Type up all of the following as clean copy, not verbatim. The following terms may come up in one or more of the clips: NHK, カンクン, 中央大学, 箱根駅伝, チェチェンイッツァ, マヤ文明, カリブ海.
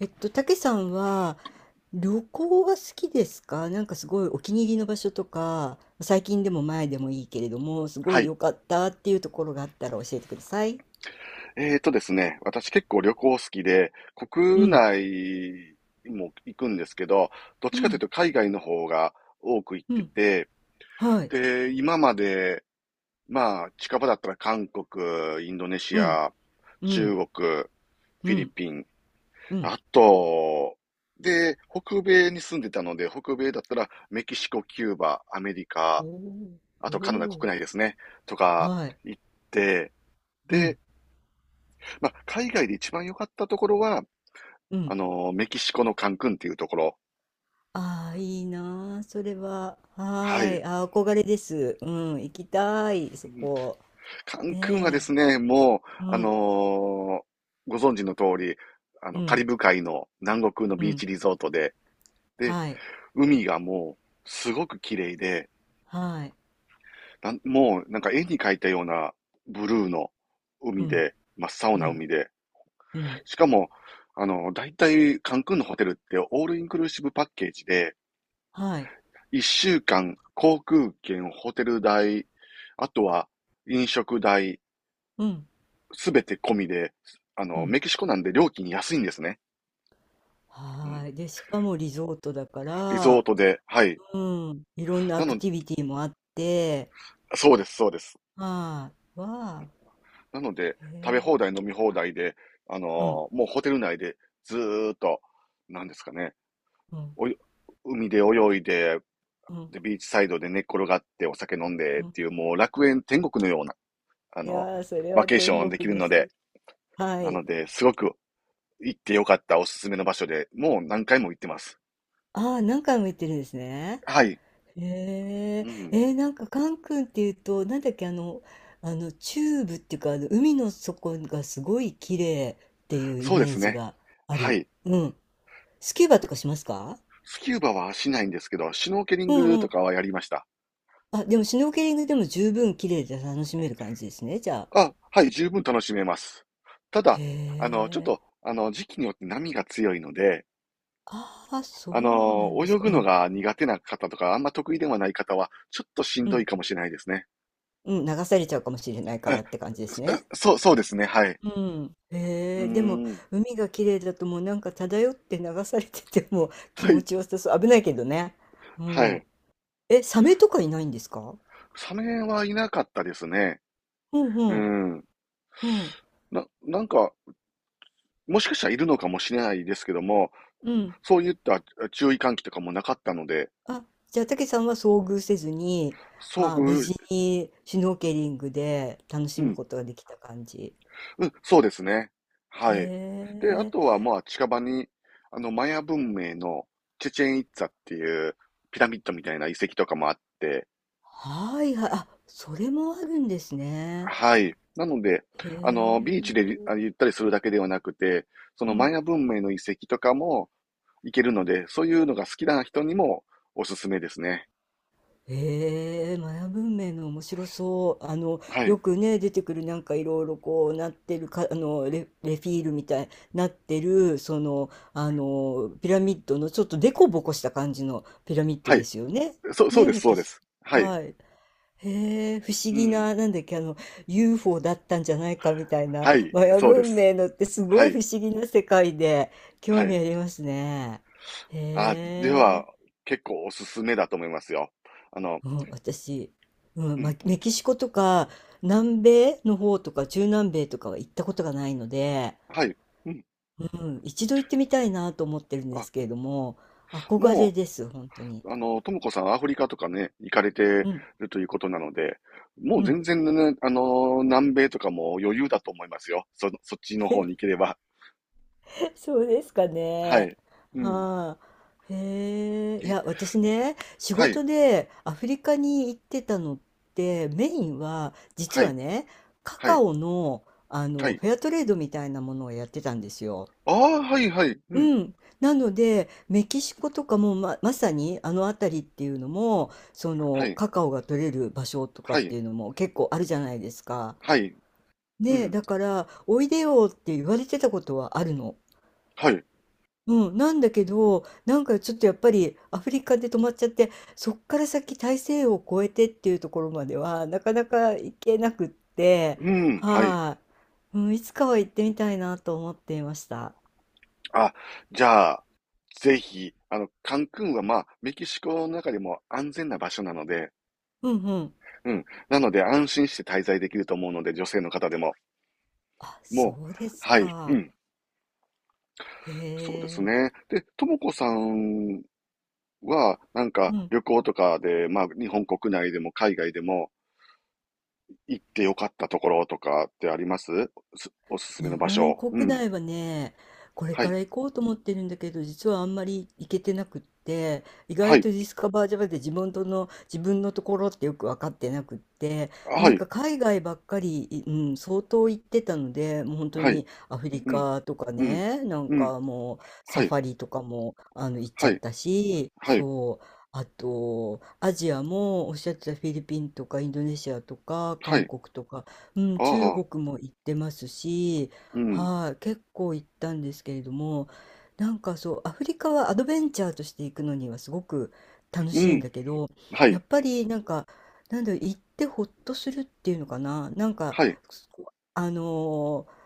たけさんは旅行は好きですか？なんかすごいお気に入りの場所とか、最近でも前でもいいけれども、すごはいい。良かったっていうところがあったら教えてください。えーとですね、私結構旅行好きで、う国ん、内も行くんですけど、どっうちかというん、と海外の方が多く行っうてん、て、はい、で、今まで、まあ、近場だったら韓国、インドネシうん、ア、う中ん、国、フうィリん、ピン、うん。あと、で、北米に住んでたので、北米だったらメキシコ、キューバ、アメリカ、おーあとカナダお国内ー、ですね、とかはい、行って、うで、ん、まあ、海外で一番良かったところは、うん。メキシコのカンクンっていうところ。ああ、いいなあ、それは。ははーい。い、あー、憧れです。うん、行きたい、うそん、こ。カンクンはでねすね、もう、え、うあのん、ーご存知の通り、うカリん、ブ海の南国のうビーん、チリゾートで、で、はい、海がもう、すごく綺麗で、はい。なんか絵に描いたようなブルーのう海んで、真っ青うなん、海で、うん、しかも、大体、カンクンのホテルってオールインクルーシブパッケージで、はい。一週間、航空券、ホテル代、あとは飲食代、うん、すべて込みで、うん。メキシコなんで料金安いんですね。うん。はい。で、しかもリゾートだかリゾーら、トで、はい。うん、いろんななアクの、ティビティもあって、そうです、そうです。はい。わあ、なので、へ食べえ、放題、飲み放題で、うん、もうホテル内でずーっと、なんですかね、うん、おい海で泳いで、うん、で、ビーチサイドで寝っ転がってお酒飲んでうっん。ていう、もう楽園天国のような、あいの、やー、それバはケーシ天ョンでき国るでのす。で、はない。ので、すごく行ってよかったおすすめの場所で、もう何回も行ってます。ああ、何回も行ってるんですね。はい。へうえ、えん。ー、なんかカン君っていうと、なんだっけ、あの、あの、チューブっていうか、あの、海の底がすごい綺麗っていうイそうでメーすジね。があはる。い。うん。スキューバとかしますか？スキューバはしないんですけど、シュノーケリンうんグうとん。かはやりました。あ、でもシュノーケリングでも十分綺麗で楽しめる感じですね、じゃあ。あ、はい、十分楽しめます。たへだ、ちょっえ。と、時期によって波が強いので、ああ、そうなんです泳か。ぐうのん。が苦手な方とか、あんま得意ではない方は、ちょっとしんうどいん。かもしれないですね。うん、流されちゃうかもしれないかえ、らって感じですね。そ、そうそうですね、はい。うん。うへえ、でもーん。海が綺麗だともうなんか漂って流されててもう 気は持い、ちよさそう。危ないけどね。うはん。い。え、サメとかいないんですか？サメはいなかったですね。うんううん。ん。うん。なんか、もしかしたらいるのかもしれないですけども、うん。そういった注意喚起とかもなかったので、あ、じゃあ、たけさんは遭遇せずに、遭あ無遇、事にシュノーケリングで楽しうむん、ことができた感じ。うん、そうですね。へはい。で、あえ、とは、まあ、近場に、マヤ文明のチェチェンイッツァっていうピラミッドみたいな遺跡とかもあって、はいはい、あ、それもあるんですね。はい。なので、へビーチでえ、ゆったりするだけではなくて、そうのマん。ヤ文明の遺跡とかも行けるので、そういうのが好きな人にもおすすめですね。へえ、マヤ文明の面白そう。あの、はい。よくね、出てくるなんかいろいろこうなってるか、あの、レ、レフィールみたいになってる、その、あの、ピラミッドのちょっとデコボコした感じのピラミッドはでい。すよね。そう、そうね、です、メそキうでシす。コ。はい。はい。へえ、不思う議ん。な、なんだっけ、あの、UFO だったんじゃないかみたいな、はい、マヤそうで文す。明のってすはごいい。不思議な世界で、興は味い。ありますね。あ、へでえ、は、結構おすすめだと思いますよ。あの、うん、私、ううん、ま、ん。メキシコとか、南米の方とか、中南米とかは行ったことがないので、はい。うん。うん、一度行ってみたいなと思ってるんであ、すけれども、憧もれです、本当に。う、ともこさん、アフリカとかね、行かれてるうん、ということなので、もううん。全然ね、南米とかも余裕だと思いますよ。そっちの方に行け れば。そうですかはね。い。うん。はい。へえ。いえ、や、私ね、仕はい、事でアフリカに行ってたのって、メインは、実ははい、ね、カはカい、オの、あはの、い。フェアトレードみたいなものをやってたんですよ。ああ、はい、はい、うん。うん。なので、メキシコとかもま、まさにあの辺りっていうのも、そはの、い、カカオが取れる場所とかっはい、ていうのも結構あるじゃないですか。はい、うねえ、ん。だから、おいでよって言われてたことはあるの。はい、うん、なんだけど、なんかちょっとやっぱりアフリカで止まっちゃって、そっから先大西洋を越えてっていうところまではなかなか行けなくって、うん、はい。はい、うん、いつかは行ってみたいなと思っていました。あ、じゃあ、ぜひ、カンクンはまあ、メキシコの中でも安全な場所なので、うんうん。うん。なので安心して滞在できると思うので、女性の方でも。あ、もう、そうですはい、うか。ん。へそうですえ。ね。で、ともこさんは、なんかうん。旅行とかで、まあ、日本国内でも海外でも行ってよかったところとかってありますおすすめ日の場本所。う国ん。内はね、これはかい。ら行こうと思ってるんだけど、実はあんまり行けてなくって、意は外い。とディスカバージャ v で自分との、自分のところってよく分かってなくって、はなんい。か海外ばっかり、うん、相当行ってたので、もう本当はい。にアフリうん。カとかうん。ね、なんうん。かもうサはフい。ァリとかもあの行っちはゃっい。たし、はい。そう。あと、アジアもおっしゃってたフィリピンとかインドネシアとかは韓い。国とか、うん、あ中あ。国も行ってますし、うん。はい、結構行ったんですけれども、なんかそう、アフリカはアドベンチャーとして行くのにはすごく楽うしいんん。だけど、はやっい。ぱりなんか、なんだろう、行ってほっとするっていうのかな、なんか、はい。あのー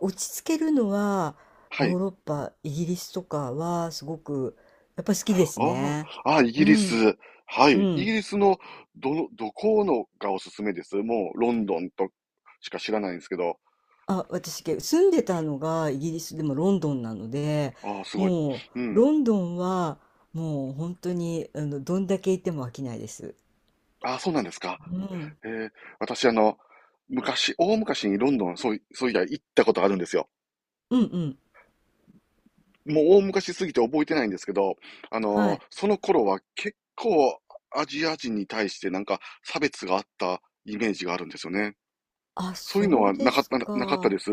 落ち着けるのは、はヨーい。ロッパ、イギリスとかはすごく、やっぱり好きですあね。あ、あ、イうギリん、ス。はうい。イギん。リスのどこのがおすすめです？もうロンドンとしか知らないんですけど。あ、私、け住んでたのがイギリスでもロンドンなので、ああ、すごい。もううん。ロンドンはもう本当にあのどんだけ行っても飽きないです。ああ、そうなんですか。うん、えー、私昔、大昔にロンドン、そういや行ったことあるんですよ。うんうん、もう大昔すぎて覚えてないんですけど、はい。その頃は結構アジア人に対してなんか差別があったイメージがあるんですよね。あ、そういうのそうはですなかったか。です、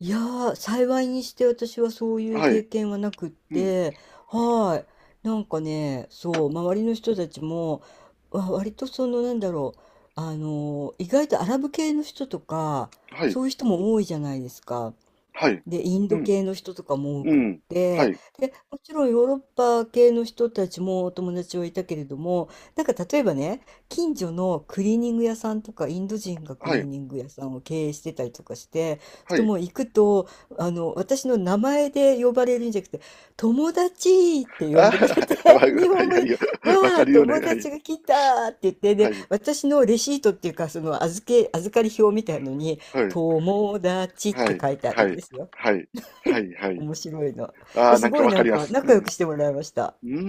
いやー、幸いにして私はそういうは経い。験はなくっうん。て、はい。なんかね、そう、周りの人たちも、わ割とその、なんだろう、あの、意外とアラブ系の人とか、はい。そういう人も多いじゃないですか。はい。で、インうドん。系の人とかも多うくっん。はて、い。で、もちろんヨーロッパ系の人たちもお友達はいたけれども、なんか例えばね、近所のクリーニング屋さんとか、インド人がクはリーい。ニング屋さんを経営してたりとかして、は人い。もう行くと、あの、私の名前で呼ばれるんじゃなくて、友達って呼あんでくれて、あ、はい。は日本い。語はいで、はい。わわかあ、るよね。友はい。達が来たって言って、はで、い。私のレシートっていうか、その預け、預かり表みたいのに、はい。友達っはてい。書いてあはるんい。ですよ。はい。はい。はい。面白いな。あえあ、すなんごかいわなかんりまかす。う仲良ん。うくしてもらいました。ー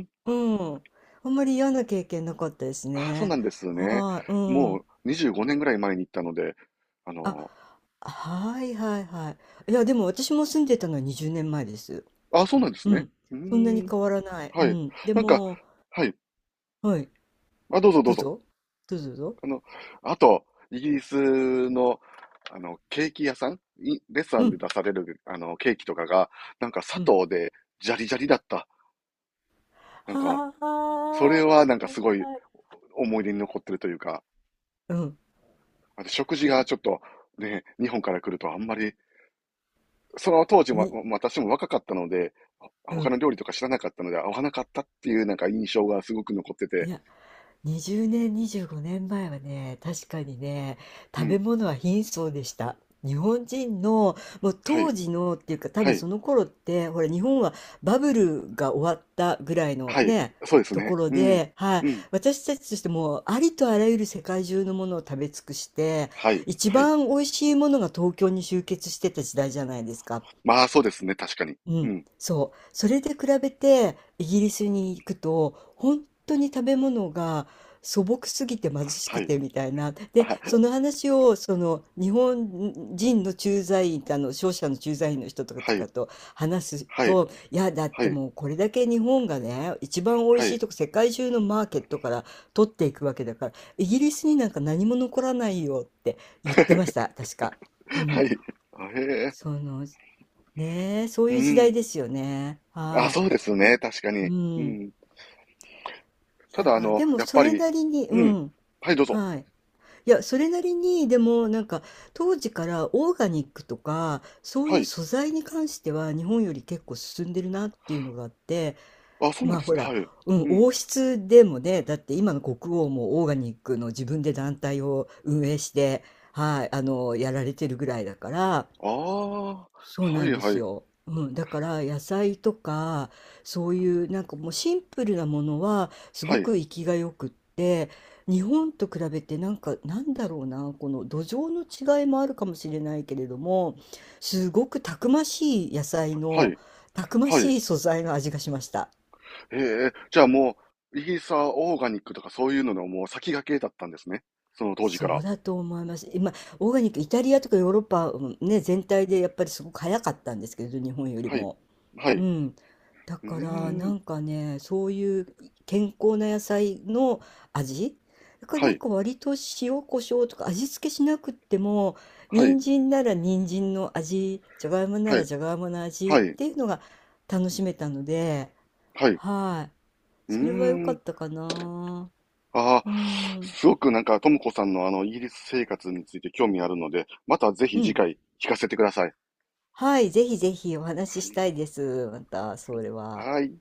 ん。うん。あんまり嫌な経験なかったですああ、そうね。なんですね。はい、うん。もう25年ぐらい前に行ったので、ああ、の、はいはいはい。いや、でも私も住んでたのは20年前です。ああ、そうなんですうね。ん。うーそんなにん。変わらない。うはい。ん。でなんか、も、はい。はい。あ、どうぞどどううぞ。ぞ。どうぞどうぞ。あの、あと、イギリスの、ケーキ屋さんレストラうンでん。出される、ケーキとかが、なんか砂うん。糖で、ジャリジャリだった。なんか、はそあ、れははなんかいすごいはい。思い出に残ってるというか、うん。あと食事がちょっと、ね、日本から来るとあんまり、その当時もに、私も若かったので、ほう他ん。の料理とか知らなかったので、合わなかったっていうなんか印象がすごく残っていて、や、20年、25年前はね、確かにね、う食べん、物は貧相でした。日本人の、もうはい、当時のっていうか、多は分い、その頃って、ほら、日本はバブルが終わったぐらいのはい、ね、そうですとこね、ろうん、で、はい、うん、私たちとしても、ありとあらゆる世界中のものを食べ尽くして、はい、一はい。番美味しいものが東京に集結してた時代じゃないですか。まあ、そうですね、確かに。ううん、ん。そう。それで比べてイギリスに行くと本当に食べ物が素朴すぎて貧しはくい。てみたいな。で、あ、その話をその日本人の駐在員、あの商社の駐在員の人とはい。かと話すはい。と、いや、だっはてい。もうこれだけ日本がね、一番美味はしいい。とこ世界中のマーケットから取っていくわけだから、イギリスになんか何も残らないよって言ってました、確か。うはい。ん。あ、へえ。そのねえ、そうういう時代ん。ですよね。あ、はそうですい。ね、い確かうに。うん。ん。いただ、や、でもやっそぱれり、なりに、ううん。ん。はい、どうぞ。はい。いや、それなりに、でもなんか、当時からオーガニックとか、そうはいうい。素材に関しては日本より結構進んでるなっていうのがあって、あ、そうなんまあですほね。ら、はい。うん、うん。王室でもね、だって今の国王もオーガニックの自分で団体を運営して、はい、あの、やられてるぐらいだから、ああ、はそうないんではすい。よ。うん、だから野菜とかそういうなんかもうシンプルなものはすはごい。く生きがよくって日本と比べてなんかなんだろうなこの土壌の違いもあるかもしれないけれどもすごくたくましい野菜はのい。たくまはい。しい素材の味がしました。へえ。じゃあもう、イーサーオーガニックとかそういうののもう先駆けだったんですね。その当時そから。うだと思います。今オーガニックイタリアとかヨーロッパ、うんね、全体でやっぱりすごく早かったんですけれど日本よりはい。も。はうい。ん。だうーからなん。んかね、そういう健康な野菜の味だからはなんい。か割と塩コショウとか味付けしなくっても、はい。人参なら人参の味、じゃがいもなはらい。じゃがいもの味っはい。ていうのが楽しめたので、はい。はい。うーそれは良かっん。たかな。ああ、うん。すごくなんか、ともこさんのイギリス生活について興味あるので、またぜひう次ん。回聞かせてください。はい。ぜひぜひお話はししい。たいです。また、それは。はい。